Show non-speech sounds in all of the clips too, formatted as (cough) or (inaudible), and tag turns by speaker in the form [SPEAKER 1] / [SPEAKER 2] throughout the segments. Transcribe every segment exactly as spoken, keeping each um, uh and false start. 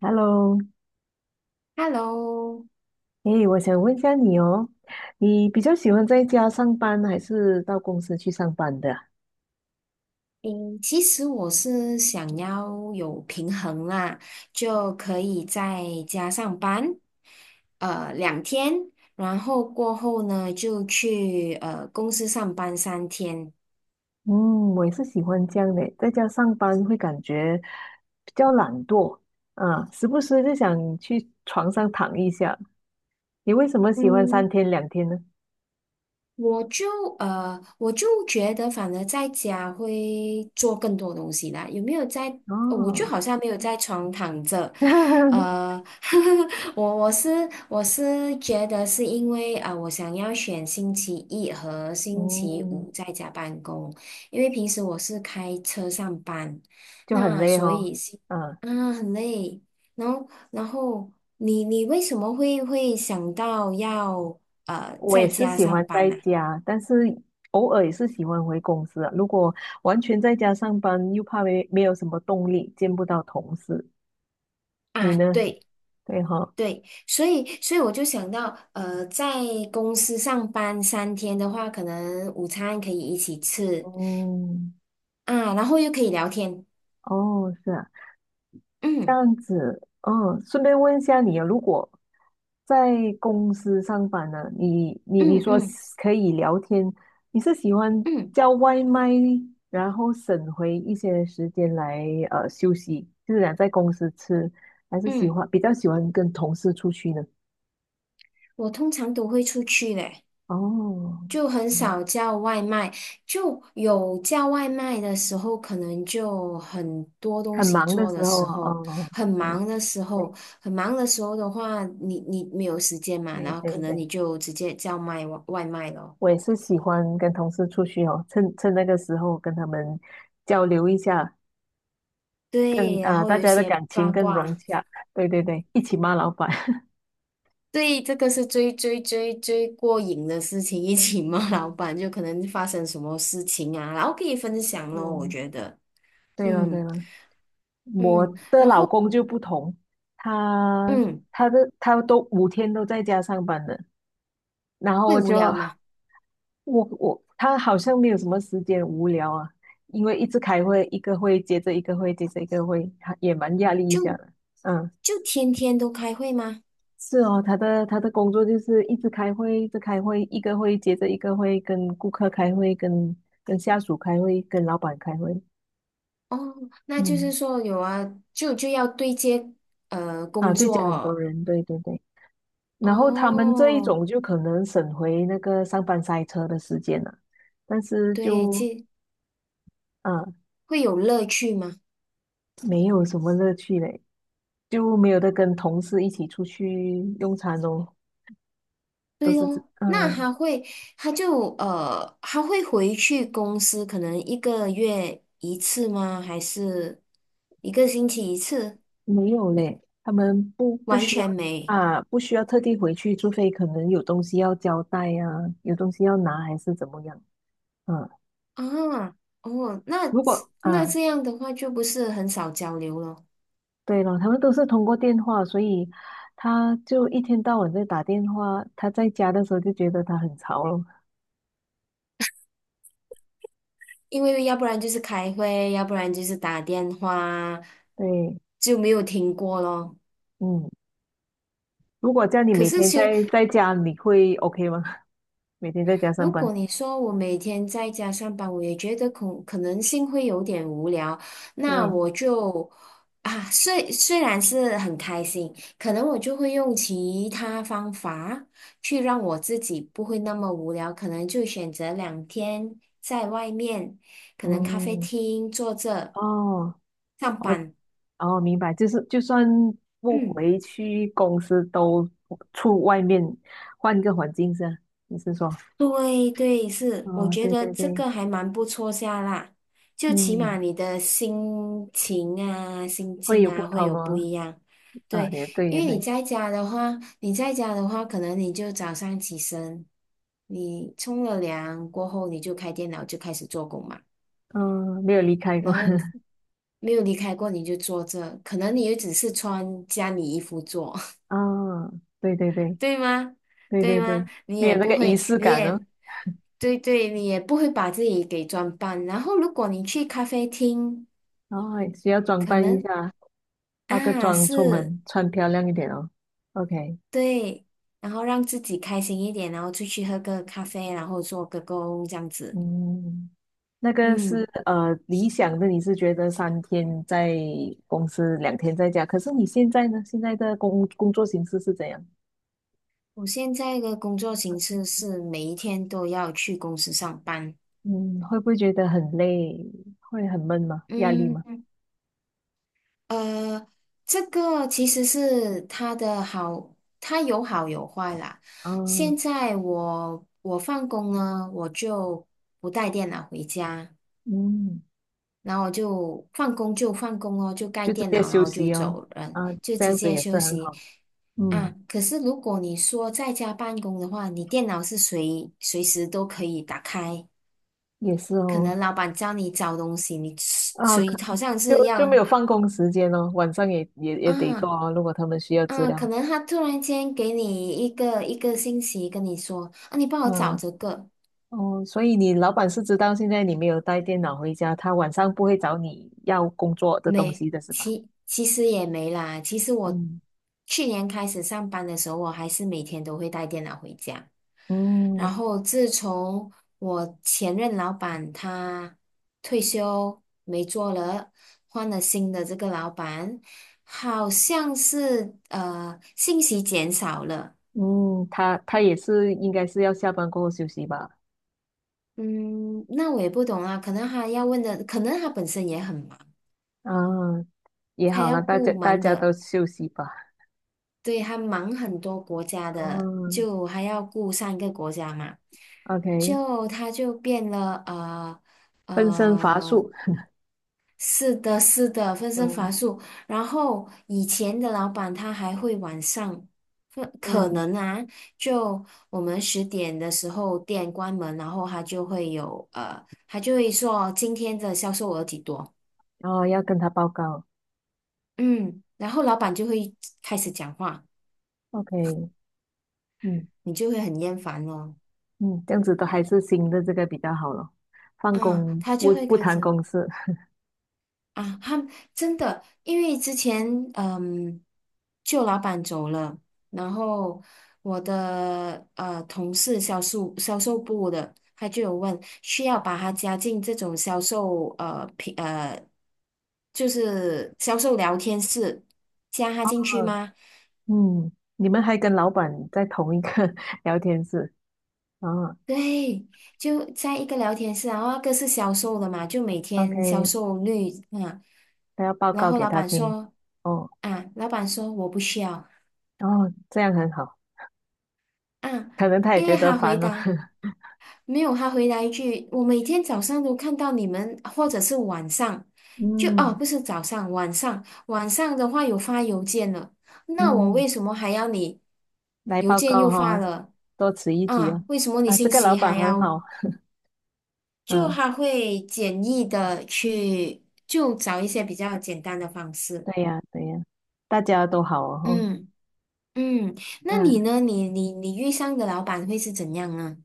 [SPEAKER 1] Hello，
[SPEAKER 2] Hello，
[SPEAKER 1] 诶，我想问一下你哦，你比较喜欢在家上班还是到公司去上班的啊？
[SPEAKER 2] 嗯，其实我是想要有平衡啦，就可以在家上班，呃，两天，然后过后呢就去呃公司上班三天。
[SPEAKER 1] 嗯，我也是喜欢这样的，在家上班会感觉比较懒惰，啊，时不时就想去床上躺一下。你为什么喜欢
[SPEAKER 2] 嗯，
[SPEAKER 1] 三天两天呢？
[SPEAKER 2] 我就呃，我就觉得，反而在家会做更多东西啦。有没有在？呃我就
[SPEAKER 1] 哦，
[SPEAKER 2] 好像没有在床躺着，
[SPEAKER 1] (laughs)
[SPEAKER 2] 呃，(laughs) 我我是我是觉得是因为啊、呃我想要选星期一和星期五
[SPEAKER 1] 嗯，
[SPEAKER 2] 在家办公，因为平时我是开车上班，
[SPEAKER 1] 就很
[SPEAKER 2] 那
[SPEAKER 1] 累
[SPEAKER 2] 所
[SPEAKER 1] 哦，
[SPEAKER 2] 以是
[SPEAKER 1] 嗯。
[SPEAKER 2] 啊很累。然后然后你你为什么会会想到要呃
[SPEAKER 1] 我
[SPEAKER 2] 在
[SPEAKER 1] 也是
[SPEAKER 2] 家
[SPEAKER 1] 喜
[SPEAKER 2] 上
[SPEAKER 1] 欢
[SPEAKER 2] 班
[SPEAKER 1] 在
[SPEAKER 2] 呢？
[SPEAKER 1] 家，但是偶尔也是喜欢回公司啊，如果完全在家上班，又怕没没有什么动力，见不到同事。你
[SPEAKER 2] 啊，
[SPEAKER 1] 呢？
[SPEAKER 2] 对
[SPEAKER 1] 对哈、
[SPEAKER 2] 对，所以所以我就想到，呃，在公司上班三天的话，可能午餐可以一起吃
[SPEAKER 1] 嗯，
[SPEAKER 2] 啊，然后又可以聊天，
[SPEAKER 1] 哦，是啊。这
[SPEAKER 2] 嗯
[SPEAKER 1] 样子，嗯，顺便问一下你啊，如果在公司上班呢，你你你
[SPEAKER 2] 嗯
[SPEAKER 1] 说
[SPEAKER 2] 嗯
[SPEAKER 1] 是可以聊天，你是喜欢
[SPEAKER 2] 嗯
[SPEAKER 1] 叫外卖，然后省回一些时间来呃休息，就是想在公司吃，还是喜
[SPEAKER 2] 嗯，
[SPEAKER 1] 欢比较喜欢跟同事出去呢？
[SPEAKER 2] 我通常都会出去嘞，
[SPEAKER 1] 哦，
[SPEAKER 2] 就很
[SPEAKER 1] 嗯
[SPEAKER 2] 少叫外卖，就有叫外卖的时候，可能就很多东
[SPEAKER 1] 很
[SPEAKER 2] 西
[SPEAKER 1] 忙的
[SPEAKER 2] 做
[SPEAKER 1] 时
[SPEAKER 2] 的
[SPEAKER 1] 候
[SPEAKER 2] 时
[SPEAKER 1] 啊，
[SPEAKER 2] 候，
[SPEAKER 1] 哦，
[SPEAKER 2] 很
[SPEAKER 1] 对
[SPEAKER 2] 忙的时候，
[SPEAKER 1] 对
[SPEAKER 2] 很忙的时候的话，你你没有时间嘛，
[SPEAKER 1] 对
[SPEAKER 2] 然后可
[SPEAKER 1] 对
[SPEAKER 2] 能
[SPEAKER 1] 对，
[SPEAKER 2] 你就直接叫卖外外卖咯。
[SPEAKER 1] 我也是喜欢跟同事出去哦，趁趁那个时候跟他们交流一下。更
[SPEAKER 2] 对，然
[SPEAKER 1] 啊、
[SPEAKER 2] 后
[SPEAKER 1] 大
[SPEAKER 2] 有一
[SPEAKER 1] 家的
[SPEAKER 2] 些
[SPEAKER 1] 感情
[SPEAKER 2] 八
[SPEAKER 1] 更融
[SPEAKER 2] 卦，
[SPEAKER 1] 洽。对对对，一起骂老板。(laughs)
[SPEAKER 2] 对，这个是最最最最过瘾的事情，一起骂老
[SPEAKER 1] 嗯
[SPEAKER 2] 板，就可能发生什么事情啊，然后可以分享咯，我
[SPEAKER 1] 嗯，
[SPEAKER 2] 觉得，
[SPEAKER 1] 对了对
[SPEAKER 2] 嗯
[SPEAKER 1] 了，我
[SPEAKER 2] 嗯
[SPEAKER 1] 的老公就不同，他
[SPEAKER 2] 嗯，
[SPEAKER 1] 他的他都五天都在家上班的，然后
[SPEAKER 2] 会
[SPEAKER 1] 我
[SPEAKER 2] 无
[SPEAKER 1] 就
[SPEAKER 2] 聊吗？
[SPEAKER 1] 我我他好像没有什么时间无聊啊，因为一直开会，一个会接着一个会接着一个会，他也蛮压力一下
[SPEAKER 2] 就
[SPEAKER 1] 的。嗯，
[SPEAKER 2] 就天天都开会吗？
[SPEAKER 1] 是哦，他的他的工作就是一直开会，一直开会，一个会接着一个会，跟顾客开会，跟跟下属开会，跟老板开会。
[SPEAKER 2] 哦，那就是
[SPEAKER 1] 嗯，
[SPEAKER 2] 说有啊，就就要对接呃
[SPEAKER 1] 啊，
[SPEAKER 2] 工
[SPEAKER 1] 对，讲很多
[SPEAKER 2] 作
[SPEAKER 1] 人，对对对。然后他们这一
[SPEAKER 2] 哦，
[SPEAKER 1] 种就可能省回那个上班塞车的时间了，但是
[SPEAKER 2] 对，
[SPEAKER 1] 就
[SPEAKER 2] 其
[SPEAKER 1] 啊
[SPEAKER 2] 会有乐趣吗？
[SPEAKER 1] 没有什么乐趣嘞，就没有的跟同事一起出去用餐哦，都
[SPEAKER 2] 对
[SPEAKER 1] 是这，
[SPEAKER 2] 哦，那
[SPEAKER 1] 嗯。
[SPEAKER 2] 他会，他就呃，他会回去公司，可能一个月一次吗？还是一个星期一次？
[SPEAKER 1] 没有嘞，他们不不
[SPEAKER 2] 完
[SPEAKER 1] 需要
[SPEAKER 2] 全没
[SPEAKER 1] 啊，不需要特地回去，除非可能有东西要交代呀、啊，有东西要拿还是怎么样。嗯，
[SPEAKER 2] 啊，哦，那
[SPEAKER 1] 如
[SPEAKER 2] 这
[SPEAKER 1] 果
[SPEAKER 2] 那
[SPEAKER 1] 啊，
[SPEAKER 2] 这样的话就不是很少交流了，
[SPEAKER 1] 对了，他们都是通过电话，所以他就一天到晚在打电话。他在家的时候就觉得他很潮了。
[SPEAKER 2] 因为要不然就是开会，要不然就是打电话，
[SPEAKER 1] 对，
[SPEAKER 2] 就没有停过咯。
[SPEAKER 1] 嗯，如果叫你
[SPEAKER 2] 可
[SPEAKER 1] 每
[SPEAKER 2] 是
[SPEAKER 1] 天
[SPEAKER 2] 休
[SPEAKER 1] 在在家，你会 OK 吗？(laughs) 每天在家上
[SPEAKER 2] 如
[SPEAKER 1] 班？
[SPEAKER 2] 果你说我每天在家上班，我也觉得可可能性会有点无聊，那
[SPEAKER 1] 对，
[SPEAKER 2] 我就啊，虽虽然是很开心，可能我就会用其他方法去让我自己不会那么无聊，可能就选择两天在外面，可能咖啡
[SPEAKER 1] 嗯，
[SPEAKER 2] 厅坐着
[SPEAKER 1] 哦。
[SPEAKER 2] 上
[SPEAKER 1] 我。
[SPEAKER 2] 班，
[SPEAKER 1] 哦，明白，就是就算不
[SPEAKER 2] 嗯。
[SPEAKER 1] 回去公司，都出外面换个环境是吧？你是说
[SPEAKER 2] 对对，
[SPEAKER 1] (laughs)？
[SPEAKER 2] 是，我
[SPEAKER 1] 哦，
[SPEAKER 2] 觉
[SPEAKER 1] 对
[SPEAKER 2] 得
[SPEAKER 1] 对
[SPEAKER 2] 这
[SPEAKER 1] 对，
[SPEAKER 2] 个还蛮不错下啦，就起码
[SPEAKER 1] 嗯，
[SPEAKER 2] 你的心情啊、心
[SPEAKER 1] 会
[SPEAKER 2] 境
[SPEAKER 1] 有不
[SPEAKER 2] 啊会
[SPEAKER 1] 同
[SPEAKER 2] 有不
[SPEAKER 1] 哦。
[SPEAKER 2] 一样。
[SPEAKER 1] 啊，
[SPEAKER 2] 对，
[SPEAKER 1] 也对
[SPEAKER 2] 因
[SPEAKER 1] 也
[SPEAKER 2] 为你
[SPEAKER 1] 对，
[SPEAKER 2] 在家的话，你在家的话，可能你就早上起身，你冲了凉过后，你就开电脑就开始做工嘛，
[SPEAKER 1] 嗯，没有离开过。
[SPEAKER 2] 然后
[SPEAKER 1] (laughs)
[SPEAKER 2] 没有离开过你就坐着，可能你也只是穿家里衣服做。
[SPEAKER 1] 啊，对对对
[SPEAKER 2] 对吗？
[SPEAKER 1] 对对
[SPEAKER 2] 对吗？
[SPEAKER 1] 对，
[SPEAKER 2] 你
[SPEAKER 1] 没有
[SPEAKER 2] 也
[SPEAKER 1] 那
[SPEAKER 2] 不
[SPEAKER 1] 个仪
[SPEAKER 2] 会，
[SPEAKER 1] 式
[SPEAKER 2] 你
[SPEAKER 1] 感哦。
[SPEAKER 2] 也，对对，你也不会把自己给装扮。然后，如果你去咖啡厅，
[SPEAKER 1] 哦，需要装
[SPEAKER 2] 可
[SPEAKER 1] 扮一
[SPEAKER 2] 能
[SPEAKER 1] 下，化个
[SPEAKER 2] 啊
[SPEAKER 1] 妆出
[SPEAKER 2] 是，
[SPEAKER 1] 门，穿漂亮一点哦。OK，
[SPEAKER 2] 对，然后让自己开心一点，然后出去喝个咖啡，然后做个工这样子。
[SPEAKER 1] 嗯。那个
[SPEAKER 2] 嗯，
[SPEAKER 1] 是呃理想的，你是觉得三天在公司，两天在家。可是你现在呢？现在的工工作形式是怎样？
[SPEAKER 2] 我现在的工作形式是每一天都要去公司上班。
[SPEAKER 1] 嗯，会不会觉得很累？会很闷吗？压力吗？
[SPEAKER 2] 嗯。呃，这个其实是它的好，它有好有坏啦。
[SPEAKER 1] 啊，
[SPEAKER 2] 现在我我放工呢，我就不带电脑回家，
[SPEAKER 1] 嗯，
[SPEAKER 2] 然后我就放工就放工哦，就盖
[SPEAKER 1] 就直
[SPEAKER 2] 电
[SPEAKER 1] 接
[SPEAKER 2] 脑，然
[SPEAKER 1] 休
[SPEAKER 2] 后就
[SPEAKER 1] 息哦。
[SPEAKER 2] 走人，
[SPEAKER 1] 啊，
[SPEAKER 2] 就
[SPEAKER 1] 这
[SPEAKER 2] 直
[SPEAKER 1] 样子
[SPEAKER 2] 接
[SPEAKER 1] 也是
[SPEAKER 2] 休
[SPEAKER 1] 很
[SPEAKER 2] 息
[SPEAKER 1] 好。嗯，
[SPEAKER 2] 啊。可是如果你说在家办公的话，你电脑是随随时都可以打开，
[SPEAKER 1] 也是
[SPEAKER 2] 可
[SPEAKER 1] 哦。
[SPEAKER 2] 能老板叫你找东西，你
[SPEAKER 1] 啊，
[SPEAKER 2] 随
[SPEAKER 1] 可
[SPEAKER 2] 好像
[SPEAKER 1] 就
[SPEAKER 2] 是
[SPEAKER 1] 就没
[SPEAKER 2] 要。
[SPEAKER 1] 有放工时间哦，晚上也也也得做
[SPEAKER 2] 啊。
[SPEAKER 1] 哦。如果他们需要资
[SPEAKER 2] 嗯，
[SPEAKER 1] 料，
[SPEAKER 2] 可能他突然间给你一个一个信息，跟你说啊，你帮我找
[SPEAKER 1] 嗯。
[SPEAKER 2] 这个，
[SPEAKER 1] 哦，所以你老板是知道现在你没有带电脑回家，他晚上不会找你要工作的东
[SPEAKER 2] 没，
[SPEAKER 1] 西的是吧？
[SPEAKER 2] 其其实也没啦。其实我
[SPEAKER 1] 嗯
[SPEAKER 2] 去年开始上班的时候，我还是每天都会带电脑回家。
[SPEAKER 1] 嗯
[SPEAKER 2] 然后自从我前任老板他退休没做了，换了新的这个老板，好像是呃信息减少了。
[SPEAKER 1] 嗯，他他也是应该是要下班过后休息吧？
[SPEAKER 2] 嗯，那我也不懂啊，可能他要问的，可能他本身也很忙，
[SPEAKER 1] 啊，也
[SPEAKER 2] 他
[SPEAKER 1] 好
[SPEAKER 2] 要
[SPEAKER 1] 了，大家
[SPEAKER 2] 顾
[SPEAKER 1] 大
[SPEAKER 2] 忙
[SPEAKER 1] 家都
[SPEAKER 2] 的，
[SPEAKER 1] 休息吧。
[SPEAKER 2] 对，他忙很多国家的，
[SPEAKER 1] 嗯
[SPEAKER 2] 就还要顾三个国家嘛，
[SPEAKER 1] ，OK，
[SPEAKER 2] 就他就变了，呃
[SPEAKER 1] 分身乏术。
[SPEAKER 2] 呃，是的，是的，分身
[SPEAKER 1] 嗯
[SPEAKER 2] 乏术。然后以前的老板他还会晚上，可可
[SPEAKER 1] 嗯，
[SPEAKER 2] 能啊，就我们十点的时候店关门，然后他就会有呃，他就会说今天的销售额几多。
[SPEAKER 1] 然后要跟他报告。
[SPEAKER 2] 嗯，然后老板就会开始讲话，
[SPEAKER 1] OK，嗯
[SPEAKER 2] 你就会很厌烦哦。
[SPEAKER 1] 嗯，这样子都还是新的这个比较好了，放
[SPEAKER 2] 啊，
[SPEAKER 1] 工
[SPEAKER 2] 他就
[SPEAKER 1] 不
[SPEAKER 2] 会
[SPEAKER 1] 不
[SPEAKER 2] 开
[SPEAKER 1] 谈
[SPEAKER 2] 始
[SPEAKER 1] 公事。(laughs)
[SPEAKER 2] 啊，他真的，因为之前嗯，旧老板走了，然后我的呃同事销售销售部的，他就有问需要把他加进这种销售呃平呃，就是销售聊天室，加他
[SPEAKER 1] 哦，
[SPEAKER 2] 进去吗？
[SPEAKER 1] 嗯，你们还跟老板在同一个 (laughs) 聊天室啊
[SPEAKER 2] 对，就在一个聊天室啊，然后那个是销售的嘛，就每天销
[SPEAKER 1] ？OK，
[SPEAKER 2] 售率啊，
[SPEAKER 1] 他要报
[SPEAKER 2] 然
[SPEAKER 1] 告
[SPEAKER 2] 后
[SPEAKER 1] 给
[SPEAKER 2] 老
[SPEAKER 1] 他
[SPEAKER 2] 板
[SPEAKER 1] 听。
[SPEAKER 2] 说
[SPEAKER 1] 哦
[SPEAKER 2] 啊，老板说我不需要
[SPEAKER 1] 哦，这样很好，
[SPEAKER 2] 啊，
[SPEAKER 1] 可能他也
[SPEAKER 2] 因
[SPEAKER 1] 觉
[SPEAKER 2] 为
[SPEAKER 1] 得
[SPEAKER 2] 他回
[SPEAKER 1] 烦了。
[SPEAKER 2] 答
[SPEAKER 1] (laughs)
[SPEAKER 2] 没有，他回答一句，我每天早上都看到你们，或者是晚上，就哦，
[SPEAKER 1] 嗯
[SPEAKER 2] 不是早上，晚上，晚上的话有发邮件了，那我
[SPEAKER 1] 嗯，
[SPEAKER 2] 为什么还要你
[SPEAKER 1] 来
[SPEAKER 2] 邮
[SPEAKER 1] 报
[SPEAKER 2] 件
[SPEAKER 1] 告
[SPEAKER 2] 又发
[SPEAKER 1] 哈、
[SPEAKER 2] 了
[SPEAKER 1] 多此一举哦。
[SPEAKER 2] 啊？为什么你
[SPEAKER 1] 啊，这
[SPEAKER 2] 信
[SPEAKER 1] 个老
[SPEAKER 2] 息
[SPEAKER 1] 板
[SPEAKER 2] 还
[SPEAKER 1] 很
[SPEAKER 2] 要？
[SPEAKER 1] 好。
[SPEAKER 2] 就
[SPEAKER 1] 嗯，
[SPEAKER 2] 还会简易的去，就找一些比较简单的方式。
[SPEAKER 1] 对呀对呀，大家都好哦。哦，
[SPEAKER 2] 嗯嗯，那你
[SPEAKER 1] 嗯。
[SPEAKER 2] 呢？你你你遇上的老板会是怎样呢？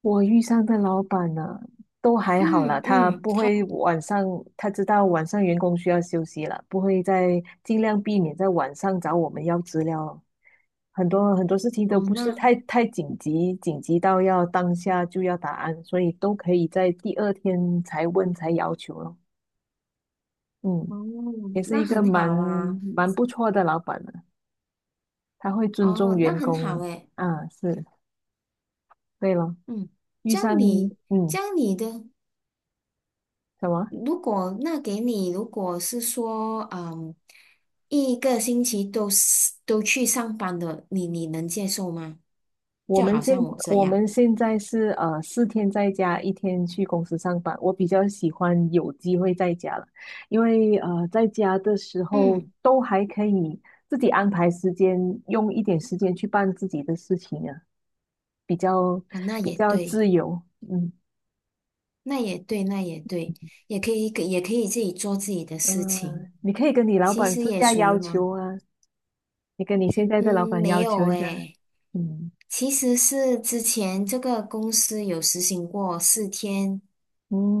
[SPEAKER 1] 我遇上的老板呢，都还好啦，
[SPEAKER 2] 嗯
[SPEAKER 1] 他
[SPEAKER 2] 嗯，
[SPEAKER 1] 不
[SPEAKER 2] 他
[SPEAKER 1] 会晚上，他知道晚上员工需要休息了，不会再尽量避免在晚上找我们要资料。很多很多事情都
[SPEAKER 2] 哦，
[SPEAKER 1] 不是
[SPEAKER 2] 那
[SPEAKER 1] 太太紧急，紧急到要当下就要答案，所以都可以在第二天才问才要求咯。嗯，
[SPEAKER 2] 哦，
[SPEAKER 1] 也是一
[SPEAKER 2] 那
[SPEAKER 1] 个
[SPEAKER 2] 很
[SPEAKER 1] 蛮
[SPEAKER 2] 好啊，
[SPEAKER 1] 蛮不错的老板的，他会尊重
[SPEAKER 2] 哦，那
[SPEAKER 1] 员
[SPEAKER 2] 很好
[SPEAKER 1] 工
[SPEAKER 2] 诶，
[SPEAKER 1] 啊，是对咯。
[SPEAKER 2] 嗯，
[SPEAKER 1] 遇
[SPEAKER 2] 这样
[SPEAKER 1] 上，
[SPEAKER 2] 你
[SPEAKER 1] 嗯，
[SPEAKER 2] 这样你的，
[SPEAKER 1] 什么？
[SPEAKER 2] 如果那给你，如果是说，嗯，一个星期都是都去上班的，你你能接受吗？
[SPEAKER 1] 我
[SPEAKER 2] 就
[SPEAKER 1] 们
[SPEAKER 2] 好
[SPEAKER 1] 现
[SPEAKER 2] 像我这
[SPEAKER 1] 我
[SPEAKER 2] 样，
[SPEAKER 1] 们现在是呃四天在家，一天去公司上班。我比较喜欢有机会在家了，因为呃在家的时候
[SPEAKER 2] 嗯。
[SPEAKER 1] 都还可以自己安排时间，用一点时间去办自己的事情啊，比较
[SPEAKER 2] 啊，那
[SPEAKER 1] 比
[SPEAKER 2] 也
[SPEAKER 1] 较
[SPEAKER 2] 对，
[SPEAKER 1] 自由。嗯
[SPEAKER 2] 那也对，那也对，也可以，也可以自己做自己的事
[SPEAKER 1] 嗯、
[SPEAKER 2] 情，
[SPEAKER 1] 呃你可以跟你老
[SPEAKER 2] 其
[SPEAKER 1] 板
[SPEAKER 2] 实
[SPEAKER 1] 私
[SPEAKER 2] 也
[SPEAKER 1] 下
[SPEAKER 2] 属于
[SPEAKER 1] 要
[SPEAKER 2] 忙。
[SPEAKER 1] 求啊，你跟你现在的老
[SPEAKER 2] 嗯，
[SPEAKER 1] 板
[SPEAKER 2] 没
[SPEAKER 1] 要
[SPEAKER 2] 有
[SPEAKER 1] 求一下。
[SPEAKER 2] 诶，
[SPEAKER 1] 嗯
[SPEAKER 2] 其实是之前这个公司有实行过四天，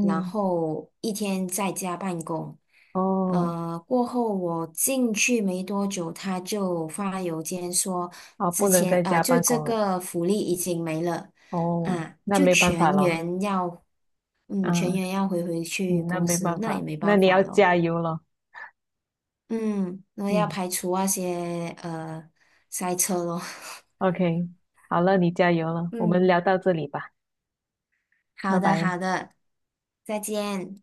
[SPEAKER 2] 然后一天在家办公。
[SPEAKER 1] 哦
[SPEAKER 2] 呃，过后我进去没多久，他就发邮件说，
[SPEAKER 1] 哦，不
[SPEAKER 2] 之
[SPEAKER 1] 能
[SPEAKER 2] 前
[SPEAKER 1] 在
[SPEAKER 2] 呃，
[SPEAKER 1] 家
[SPEAKER 2] 就
[SPEAKER 1] 办
[SPEAKER 2] 这
[SPEAKER 1] 公了。
[SPEAKER 2] 个福利已经没了
[SPEAKER 1] 哦，
[SPEAKER 2] 啊，
[SPEAKER 1] 那
[SPEAKER 2] 就
[SPEAKER 1] 没办法
[SPEAKER 2] 全
[SPEAKER 1] 咯。
[SPEAKER 2] 员要，
[SPEAKER 1] 啊。
[SPEAKER 2] 嗯，全员要回回去
[SPEAKER 1] 嗯，那
[SPEAKER 2] 公
[SPEAKER 1] 没
[SPEAKER 2] 司，
[SPEAKER 1] 办
[SPEAKER 2] 那也
[SPEAKER 1] 法，
[SPEAKER 2] 没
[SPEAKER 1] 那
[SPEAKER 2] 办
[SPEAKER 1] 你要
[SPEAKER 2] 法咯。
[SPEAKER 1] 加油了。
[SPEAKER 2] 嗯，那要
[SPEAKER 1] 嗯
[SPEAKER 2] 排除那些呃塞车咯。(laughs)
[SPEAKER 1] ，OK，好了，你加油了，我们
[SPEAKER 2] 嗯。
[SPEAKER 1] 聊到这里吧，
[SPEAKER 2] 好
[SPEAKER 1] 拜
[SPEAKER 2] 的，
[SPEAKER 1] 拜。
[SPEAKER 2] 好的，再见。